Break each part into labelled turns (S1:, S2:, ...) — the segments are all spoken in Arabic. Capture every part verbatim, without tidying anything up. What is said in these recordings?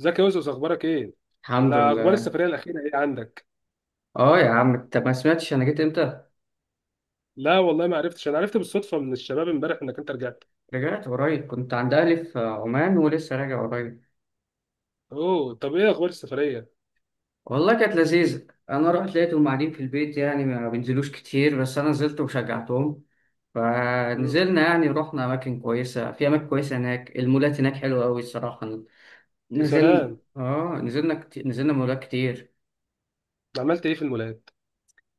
S1: ازيك يا يوسف، اخبارك ايه؟
S2: الحمد
S1: الا، اخبار
S2: لله.
S1: السفريه الاخيره ايه عندك؟
S2: اه يا عم انت ما سمعتش انا جيت امتى؟
S1: لا والله ما عرفتش، انا عرفت بالصدفه من الشباب امبارح انك انت رجعت.
S2: رجعت قريب، كنت عند اهلي في عمان ولسه راجع قريب.
S1: اوه، طب ايه اخبار السفريه؟
S2: والله كانت لذيذه، انا رحت لقيتهم قاعدين في البيت يعني ما بينزلوش كتير، بس انا نزلت وشجعتهم.
S1: امم.
S2: فنزلنا يعني رحنا اماكن كويسه في اماكن كويسه هناك. المولات هناك حلوه قوي الصراحه.
S1: يا
S2: نزلنا
S1: سلام.
S2: اه نزلنا كتير. نزلنا مولات كتير.
S1: عملت ايه في المولات؟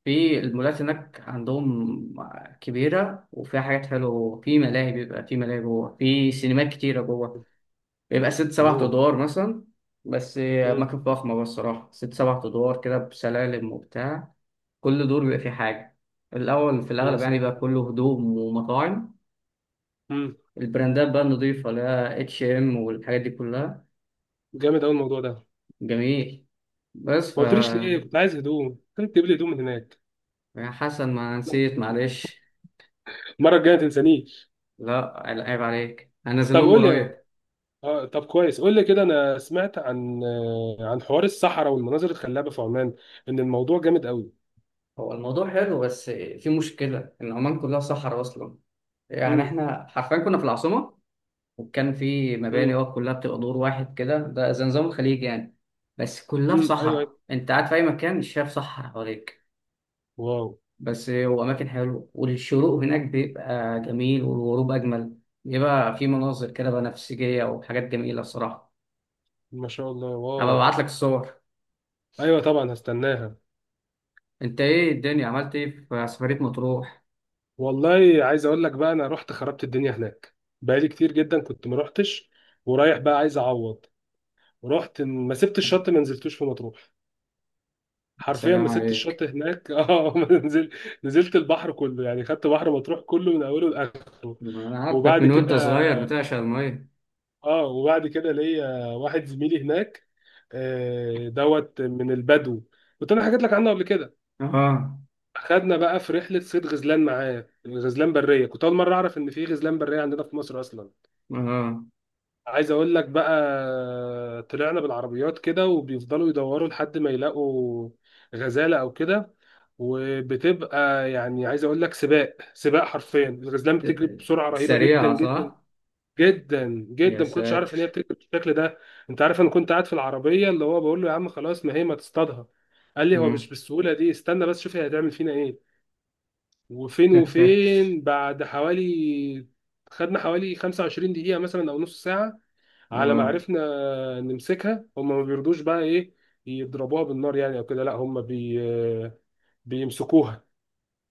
S2: في المولات هناك عندهم كبيره وفيها حاجات حلوه. في ملاهي بيبقى في ملاهي جوه، في سينمات كتيره جوه. بيبقى ست سبع
S1: اوه.
S2: ادوار مثلا. بس
S1: امم.
S2: أماكن فخمة بقى الصراحة، ست سبع ادوار كده بسلالم وبتاع. كل دور بيبقى فيه حاجة. الأول في
S1: يا
S2: الأغلب يعني
S1: سلام.
S2: بقى كله هدوم ومطاعم.
S1: امم.
S2: البراندات بقى النضيفة اللي هي اتش ام والحاجات دي كلها.
S1: جامد قوي الموضوع ده.
S2: جميل. بس ف
S1: ما قلتليش ليه؟ كنت عايز هدوم كنت تجيب لي هدوم من هناك.
S2: يا حسن ما نسيت معلش.
S1: المره الجايه ما تنسانيش.
S2: لا. عيب عليك، هنزل
S1: طب
S2: لهم
S1: قول لي.
S2: قريب.
S1: اه طب كويس، قول لي كده، انا سمعت عن آه، عن حوار الصحراء والمناظر الخلابه في عمان. ان الموضوع جامد قوي.
S2: هو الموضوع حلو بس في مشكلة إن عمان كلها صحراء أصلا. يعني
S1: امم.
S2: إحنا حرفيا كنا في العاصمة. وكان في مباني،
S1: امم.
S2: هو كلها بتبقى دور واحد كده، ده زي نظام الخليج يعني. بس كلها في
S1: امم. ايوه
S2: صحراء،
S1: ايوه.
S2: انت قاعد في اي مكان مش شايف صحراء حواليك.
S1: واو.
S2: بس هو اماكن حلوه، والشروق هناك بيبقى جميل والغروب اجمل. بيبقى في مناظر كده بنفسجيه وحاجات جميله الصراحه.
S1: ما شاء الله،
S2: هبقى
S1: واو.
S2: ابعت لك الصور.
S1: ايوه طبعا هستناها.
S2: انت ايه الدنيا، عملت ايه في سفريه مطروح؟
S1: والله عايز اقول لك بقى، انا رحت خربت الدنيا هناك. بقالي كتير جدا كنت ما رحتش. ورايح بقى عايز اعوض. رحت، ما سبت الشط، ما نزلتوش في مطروح.
S2: يا
S1: حرفيا
S2: سلام
S1: ما سبت
S2: عليك.
S1: الشط هناك، اه ما نزل. نزلت البحر كله، يعني خدت بحر مطروح كله من اوله لاخره.
S2: انا عارفك
S1: وبعد
S2: من
S1: كده.
S2: وانت صغير بتعشق الميه.
S1: اه، وبعد كده ليا واحد زميلي هناك. آه، دوت من البدو. كنت انا حكيت لك عنه قبل كده.
S2: اه.
S1: خدنا بقى في رحله صيد غزلان معاه. غزلان بريه، كنت اول مره اعرف ان في غزلان بريه عندنا في مصر اصلا.
S2: اه.
S1: عايز اقول لك بقى، طلعنا بالعربيات كده وبيفضلوا يدوروا لحد ما يلاقوا غزاله او كده. وبتبقى يعني، عايز اقول لك، سباق سباق، حرفيا الغزلان بتجري بسرعه رهيبه جدا
S2: سريعه
S1: جدا.
S2: صح؟
S1: جدا
S2: يا
S1: جدا ما كنتش عارف
S2: ساتر.
S1: ان هي بتجري بالشكل ده. انت عارف انا كنت قاعد في العربيه، اللي هو بقول له يا عم خلاص ما هي ما تصطادها. قال لي هو مش
S2: مم.
S1: بالسهوله دي، استنى بس شوف هي هتعمل فينا ايه. وفين وفين بعد حوالي، خدنا حوالي 25 دقيقة مثلا أو نص ساعة على ما
S2: اه.
S1: عرفنا نمسكها. هم ما بيرضوش بقى إيه، يضربوها بالنار يعني أو كده؟ لا، هم بي بيمسكوها.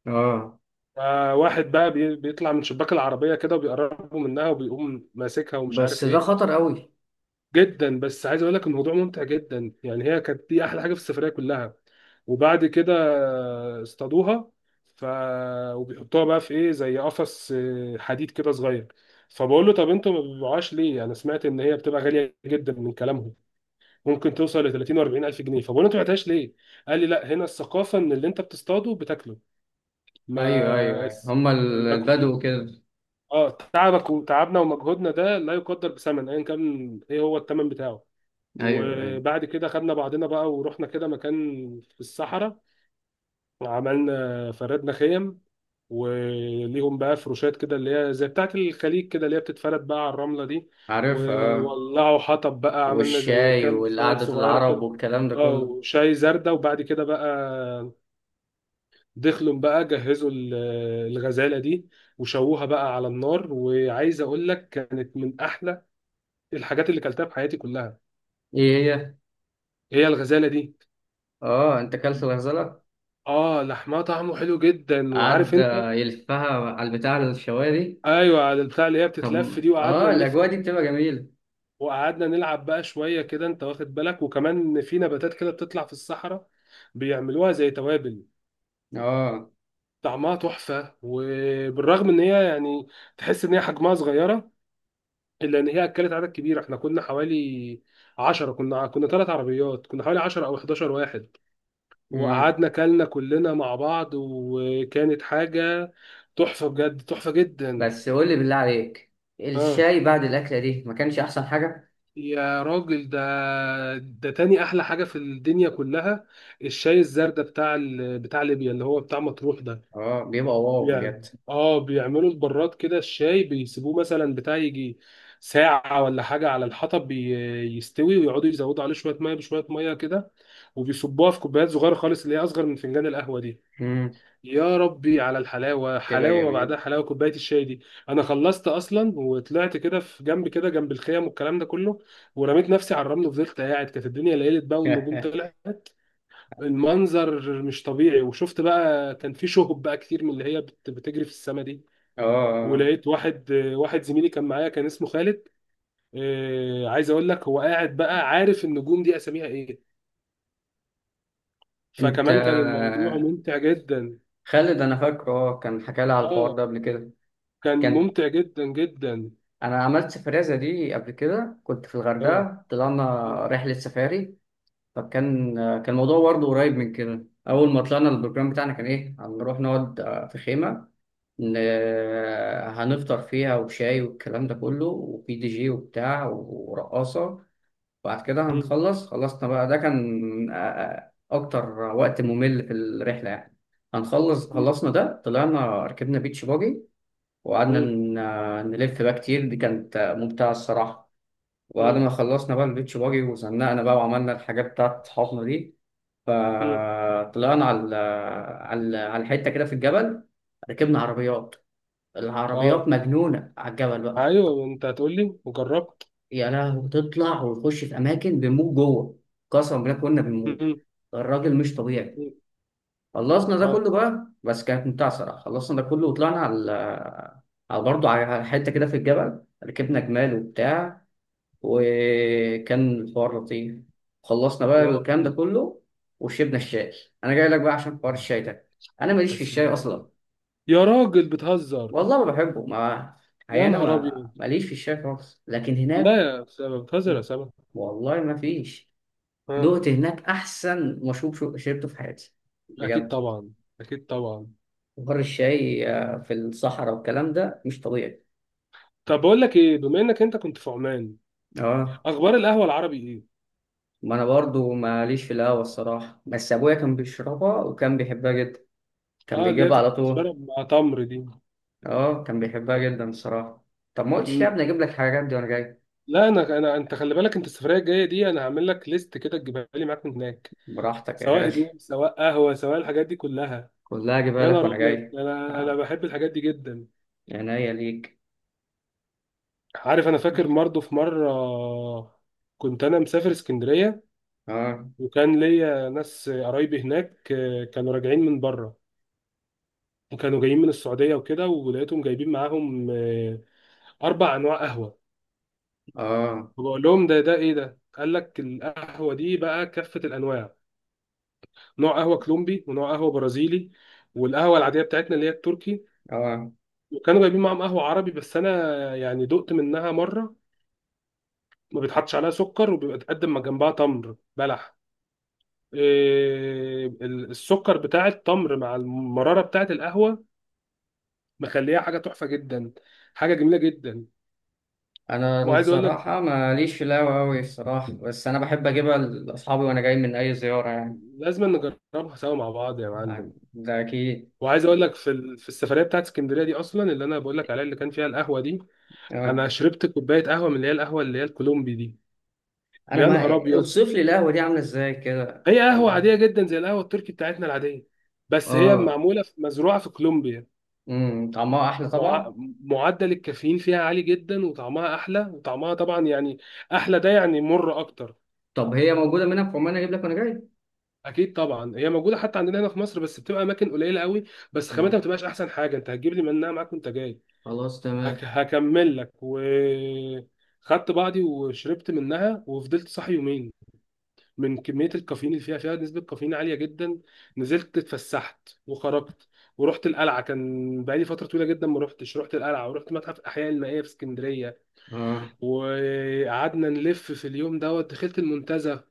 S2: اه.
S1: آه، واحد بقى بي- بيطلع من شباك العربية كده، وبيقربوا منها وبيقوم ماسكها ومش عارف
S2: بس ده
S1: إيه.
S2: خطر قوي.
S1: جدا، بس عايز اقول لك الموضوع ممتع جدا، يعني هي كانت دي احلى حاجه في السفريه كلها. وبعد كده اصطادوها. ف وبيحطوها بقى في ايه، زي قفص آه، حديد كده صغير. فبقول له طب انتوا ما بتبيعوهاش ليه؟ انا سمعت ان هي بتبقى غاليه جدا من كلامهم، ممكن توصل ل ثلاثين و40 الف جنيه. فبقول له انتوا ما بعتهاش ليه؟ قال لي لا، هنا الثقافه ان اللي انت بتصطاده بتاكله.
S2: ايوه ايوه
S1: ما
S2: ايوه،
S1: اس-
S2: هما ال-
S1: مجهود.
S2: البدو كده.
S1: اه، تعبك وتعبنا ومجهودنا ده لا يقدر بثمن، ايا كان ايه هو الثمن بتاعه.
S2: ايوه ايوه.
S1: وبعد كده خدنا بعضنا بقى ورحنا كده مكان في الصحراء. عملنا، فردنا خيم، وليهم بقى فروشات كده اللي هي زي بتاعة الخليج كده، اللي هي بتتفرد بقى على الرملة دي.
S2: عارفها. اه.
S1: وولعوا حطب بقى، عملنا زي
S2: والشاي
S1: كامب فاير
S2: والقعدة
S1: صغيرة
S2: العرب
S1: كده.
S2: والكلام ده
S1: اه
S2: كله.
S1: وشاي زردة. وبعد كده بقى دخلوا بقى جهزوا ال- الغزالة دي، وشووها بقى على النار. وعايز اقول لك كانت من احلى الحاجات اللي كلتها في حياتي كلها.
S2: ايه هي؟
S1: هي الغزالة دي.
S2: اه انت كلت الغزاله؟
S1: اه، لحمها طعمه حلو جدا. وعارف
S2: قعد
S1: انت،
S2: آه، يلفها على البتاع، الشوايه دي.
S1: ايوه على البتاع اللي هي بتتلف
S2: طب.
S1: دي،
S2: اه
S1: وقعدنا نلف فيه،
S2: الاجواء دي بتبقى جميله.
S1: وقعدنا نلعب بقى شويه كده. انت واخد بالك، وكمان في نباتات كده بتطلع في الصحراء بيعملوها زي توابل.
S2: اه.
S1: طعمها تحفه. وبالرغم ان هي يعني تحس ان هي حجمها صغيره، الا ان هي اكلت عدد كبير. احنا كنا حوالي عشرة، كنا كنا ثلاث عربيات، كنا حوالي عشرة او حداشر واحد،
S2: امم.
S1: وقعدنا كلنا كلنا مع بعض، وكانت حاجه تحفه، بجد تحفه جدا.
S2: بس قول لي بالله عليك،
S1: اه،
S2: الشاي بعد الأكلة دي ما كانش أحسن حاجة؟
S1: يا راجل ده، ده تاني احلى حاجه في الدنيا كلها. الشاي الزردة بتاع ال... بتاع ليبيا اللي هو بتاع مطروح ده.
S2: اه بيبقى واو بجد.
S1: يعني اه، بيعملوا البراد كده، الشاي بيسيبوه مثلا بتاع يجي ساعه ولا حاجه على الحطب، بي... يستوي، ويقعدوا يزودوا عليه شويه ميه بشويه ميه كده، وبيصبوها في كوبايات صغيره خالص اللي هي اصغر من فنجان القهوه دي.
S2: امم.
S1: يا ربي على الحلاوه،
S2: بتبقى
S1: حلاوه ما بعدها
S2: جميل.
S1: حلاوه كوبايه الشاي دي. انا خلصت اصلا وطلعت كده في جنب كده، جنب الخيم والكلام ده كله. ورميت نفسي على الرمل وفضلت قاعد، كانت الدنيا ليلت بقى والنجوم طلعت. المنظر مش طبيعي. وشفت بقى كان في شهب بقى كتير من اللي هي بت- بتجري في السما دي.
S2: اه.
S1: ولقيت واحد واحد زميلي كان معايا كان اسمه خالد. آه، عايز اقول لك هو قاعد بقى عارف النجوم دي اساميها ايه،
S2: انت
S1: فكمان كان الموضوع ممتع جدا.
S2: خالد انا فاكره، اه كان حكى لي على الحوار
S1: اه،
S2: ده قبل كده.
S1: كان
S2: كان.
S1: ممتع جدا جدا.
S2: انا عملت سفرية زي دي قبل كده، كنت في
S1: اه.
S2: الغردقة طلعنا
S1: مم.
S2: رحلة سفاري. فكان. كان الموضوع برضه قريب من كده. اول ما طلعنا البروجرام بتاعنا كان ايه، هنروح نقعد آه، في خيمة. ن- هنفطر فيها وشاي والكلام ده كله، وفي دي جي وبتاع ورقاصة. بعد كده
S1: مم.
S2: هنخلص خلصنا بقى. ده كان آه، آه، أكتر وقت ممل في الرحلة يعني. هنخلص خلصنا ده طلعنا ركبنا بيتش باجي. وقعدنا
S1: مم.
S2: ن- آه، نلف بقى كتير. دي كانت آه، ممتعة الصراحة. وبعد
S1: مم.
S2: ما خلصنا بقى البيتش باجي وزنقنا بقى وعملنا الحاجات بتاعت صحابنا دي.
S1: مم.
S2: فطلعنا على ال- على ال- على الحتة كده في الجبل. ركبنا عربيات.
S1: اه،
S2: العربيات مجنونة على الجبل بقى.
S1: ايوه انت هتقول لي وجربت.
S2: يا لهوي، تطلع وتخش في اماكن بنموت جوه. قسما بالله كنا بنموت.
S1: مم.
S2: ده الراجل مش طبيعي.
S1: مم.
S2: خلصنا ده
S1: اه،
S2: كله بقى بس كانت ممتعه صراحه. خلصنا ده كله وطلعنا على، على برضه على حته كده في الجبل، ركبنا جمال وبتاع. وكان الحوار لطيف. خلصنا بقى
S1: واو.
S2: الكلام ده كله. وشربنا الشاي. انا جاي لك بقى عشان حوار الشاي ده. انا ماليش في
S1: بس
S2: الشاي
S1: لا،
S2: اصلا.
S1: يا راجل بتهزر.
S2: والله ما بحبه، ما الحقيقة
S1: يا
S2: انا
S1: نهار
S2: ما
S1: ابيض.
S2: ماليش في الشاي خالص، لكن هناك.
S1: لا يا سما، بتهزر يا سما.
S2: والله ما فيش.
S1: اه،
S2: دقت هناك احسن مشروب شو- شربته في حياتي
S1: اكيد
S2: بجد.
S1: طبعا، اكيد طبعا.
S2: بحر الشاي آه، في الصحراء والكلام ده مش طبيعي.
S1: طب بقول لك ايه، بما انك انت كنت في عمان،
S2: اه.
S1: اخبار القهوه العربي ايه؟
S2: ما انا برضو ماليش في القهوه الصراحه، بس ابويا كان بيشربها وكان بيحبها جدا. كان
S1: اه، اللي هي
S2: بيجيبها على طول.
S1: بتتشرب مع تمر دي.
S2: اه كان بيحبها جدا الصراحه. طب ما قلتش ليه يا
S1: مم.
S2: ابني اجيب لك الحاجات دي وانا جاي.
S1: لا، انا انا انت خلي بالك، انت السفريه الجايه دي انا هعمل لك ليست كده تجيبها لي معاك من هناك،
S2: براحتك يا
S1: سواء
S2: غالي.
S1: هدوم، سواء قهوه، سواء الحاجات دي كلها.
S2: كلها اجيبها
S1: يا
S2: لك
S1: نهار
S2: وانا
S1: ابيض،
S2: جاي.
S1: انا انا
S2: آه.
S1: بحب الحاجات دي جدا.
S2: عينيا ليك.
S1: عارف، انا فاكر برضه في مره كنت انا مسافر اسكندريه،
S2: اه.
S1: وكان ليا ناس قرايبي هناك آه، كانوا راجعين من بره، وكانوا جايين من السعوديه وكده. ولقيتهم جايبين معاهم آه، اربع انواع قهوه.
S2: اه.
S1: فبقول لهم ده ده ايه ده؟ قال لك القهوه دي بقى كافه الانواع، نوع قهوه كولومبي ونوع قهوه برازيلي، والقهوه العاديه بتاعتنا اللي هي التركي.
S2: اه.
S1: وكانوا جايبين معاهم قهوه عربي. بس انا يعني دقت منها مره، ما بيتحطش عليها سكر وبيبقى تقدم مع جنبها تمر بلح. إيه، ال- السكر بتاع التمر مع المرارة بتاعت القهوة مخليها حاجة تحفة جدا، حاجة جميلة جدا.
S2: انا
S1: وعايز اقول لك
S2: الصراحه ماليش في القهوه أوي الصراحه، بس انا بحب اجيبها لاصحابي وانا جاي من اي زياره يعني.
S1: لازم نجربها سوا مع بعض يا معلم.
S2: ده اكيد.
S1: وعايز اقول لك في ال- في السفريه بتاعت اسكندريه دي اصلا، اللي انا بقول لك عليها، اللي كان فيها القهوه دي،
S2: اه.
S1: انا شربت كوبايه قهوه من اللي هي القهوه اللي هي الكولومبي دي.
S2: انا،
S1: يا نهار
S2: ما
S1: ابيض.
S2: اوصف لي القهوه دي عامله ازاي كده
S1: هي قهوه
S2: ولا؟
S1: عاديه جدا زي القهوه التركي بتاعتنا العاديه، بس هي
S2: اه.
S1: معموله في- مزروعه في كولومبيا.
S2: امم طعمها احلى
S1: مع...
S2: طبعا.
S1: معدل الكافيين فيها عالي جدا، وطعمها احلى، وطعمها طبعا يعني احلى، ده يعني مر اكتر.
S2: طب هي موجوده منها في عمان اجيب لك وانا جاي.
S1: اكيد طبعا، هي موجوده حتى عندنا هنا في مصر بس بتبقى اماكن قليله قوي، بس خامتها
S2: مم.
S1: ما بتبقاش احسن حاجه. انت هتجيب لي منها معاك وانت جاي.
S2: خلاص
S1: هك...
S2: تمام.
S1: هكمل لك و خدت بعضي وشربت منها، وفضلت صاحي يومين من كميه الكافيين اللي فيها، فيها نسبه كافيين عاليه جدا. نزلت اتفسحت وخرجت، ورحت القلعه. كان بقالي فتره طويله جدا ما رحتش، رحت القلعه ورحت متحف الاحياء المائيه في اسكندريه.
S2: اه.
S1: وقعدنا نلف في اليوم دوت، دخلت المنتزه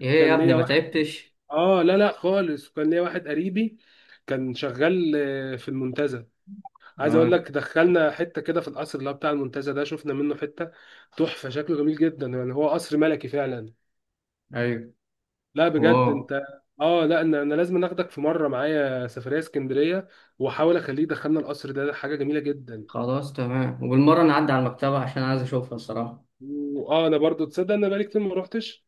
S2: ايه يا ابني
S1: ليا
S2: ما
S1: واحد.
S2: تعبتش؟
S1: اه، لا لا خالص، كان ليا واحد قريبي كان شغال آه، في المنتزه. عايز اقول
S2: اه.
S1: لك دخلنا حته كده في القصر اللي هو بتاع المنتزه ده، شفنا منه حته تحفه، شكله جميل جدا، يعني هو قصر ملكي فعلا.
S2: ايوه.
S1: لا بجد
S2: واو.
S1: انت، اه لا، انا انا لازم اخدك في مره معايا سفريه اسكندريه، واحاول اخليه يدخلنا القصر ده. ده حاجه جميله جدا.
S2: خلاص تمام، وبالمره نعدي على المكتبه عشان عايز اشوفها الصراحه.
S1: واه، انا برضو تصدق انا بقالي كتير ما روحتش.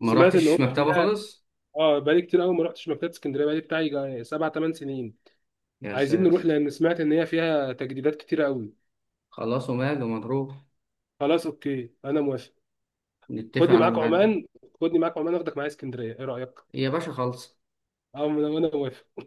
S2: ما
S1: سمعت ان هو
S2: رحتش مكتبه
S1: فيها،
S2: خالص.
S1: اه بقالي كتير قوي ما رحتش مكتبه اسكندريه، بقالي بتاعي جا- سبع ثمان سنين.
S2: يا
S1: عايزين نروح
S2: ساتر.
S1: لان سمعت ان هي فيها تجديدات كتير قوي.
S2: خلاص وماله، مضروب.
S1: خلاص اوكي انا موافق.
S2: نتفق
S1: خدني
S2: على
S1: معاك
S2: ميعاد.
S1: عمان، خدني معاك عمان اخدك معايا اسكندريه، ايه رايك؟
S2: يا باشا خلص.
S1: اه، انا أنا موافق.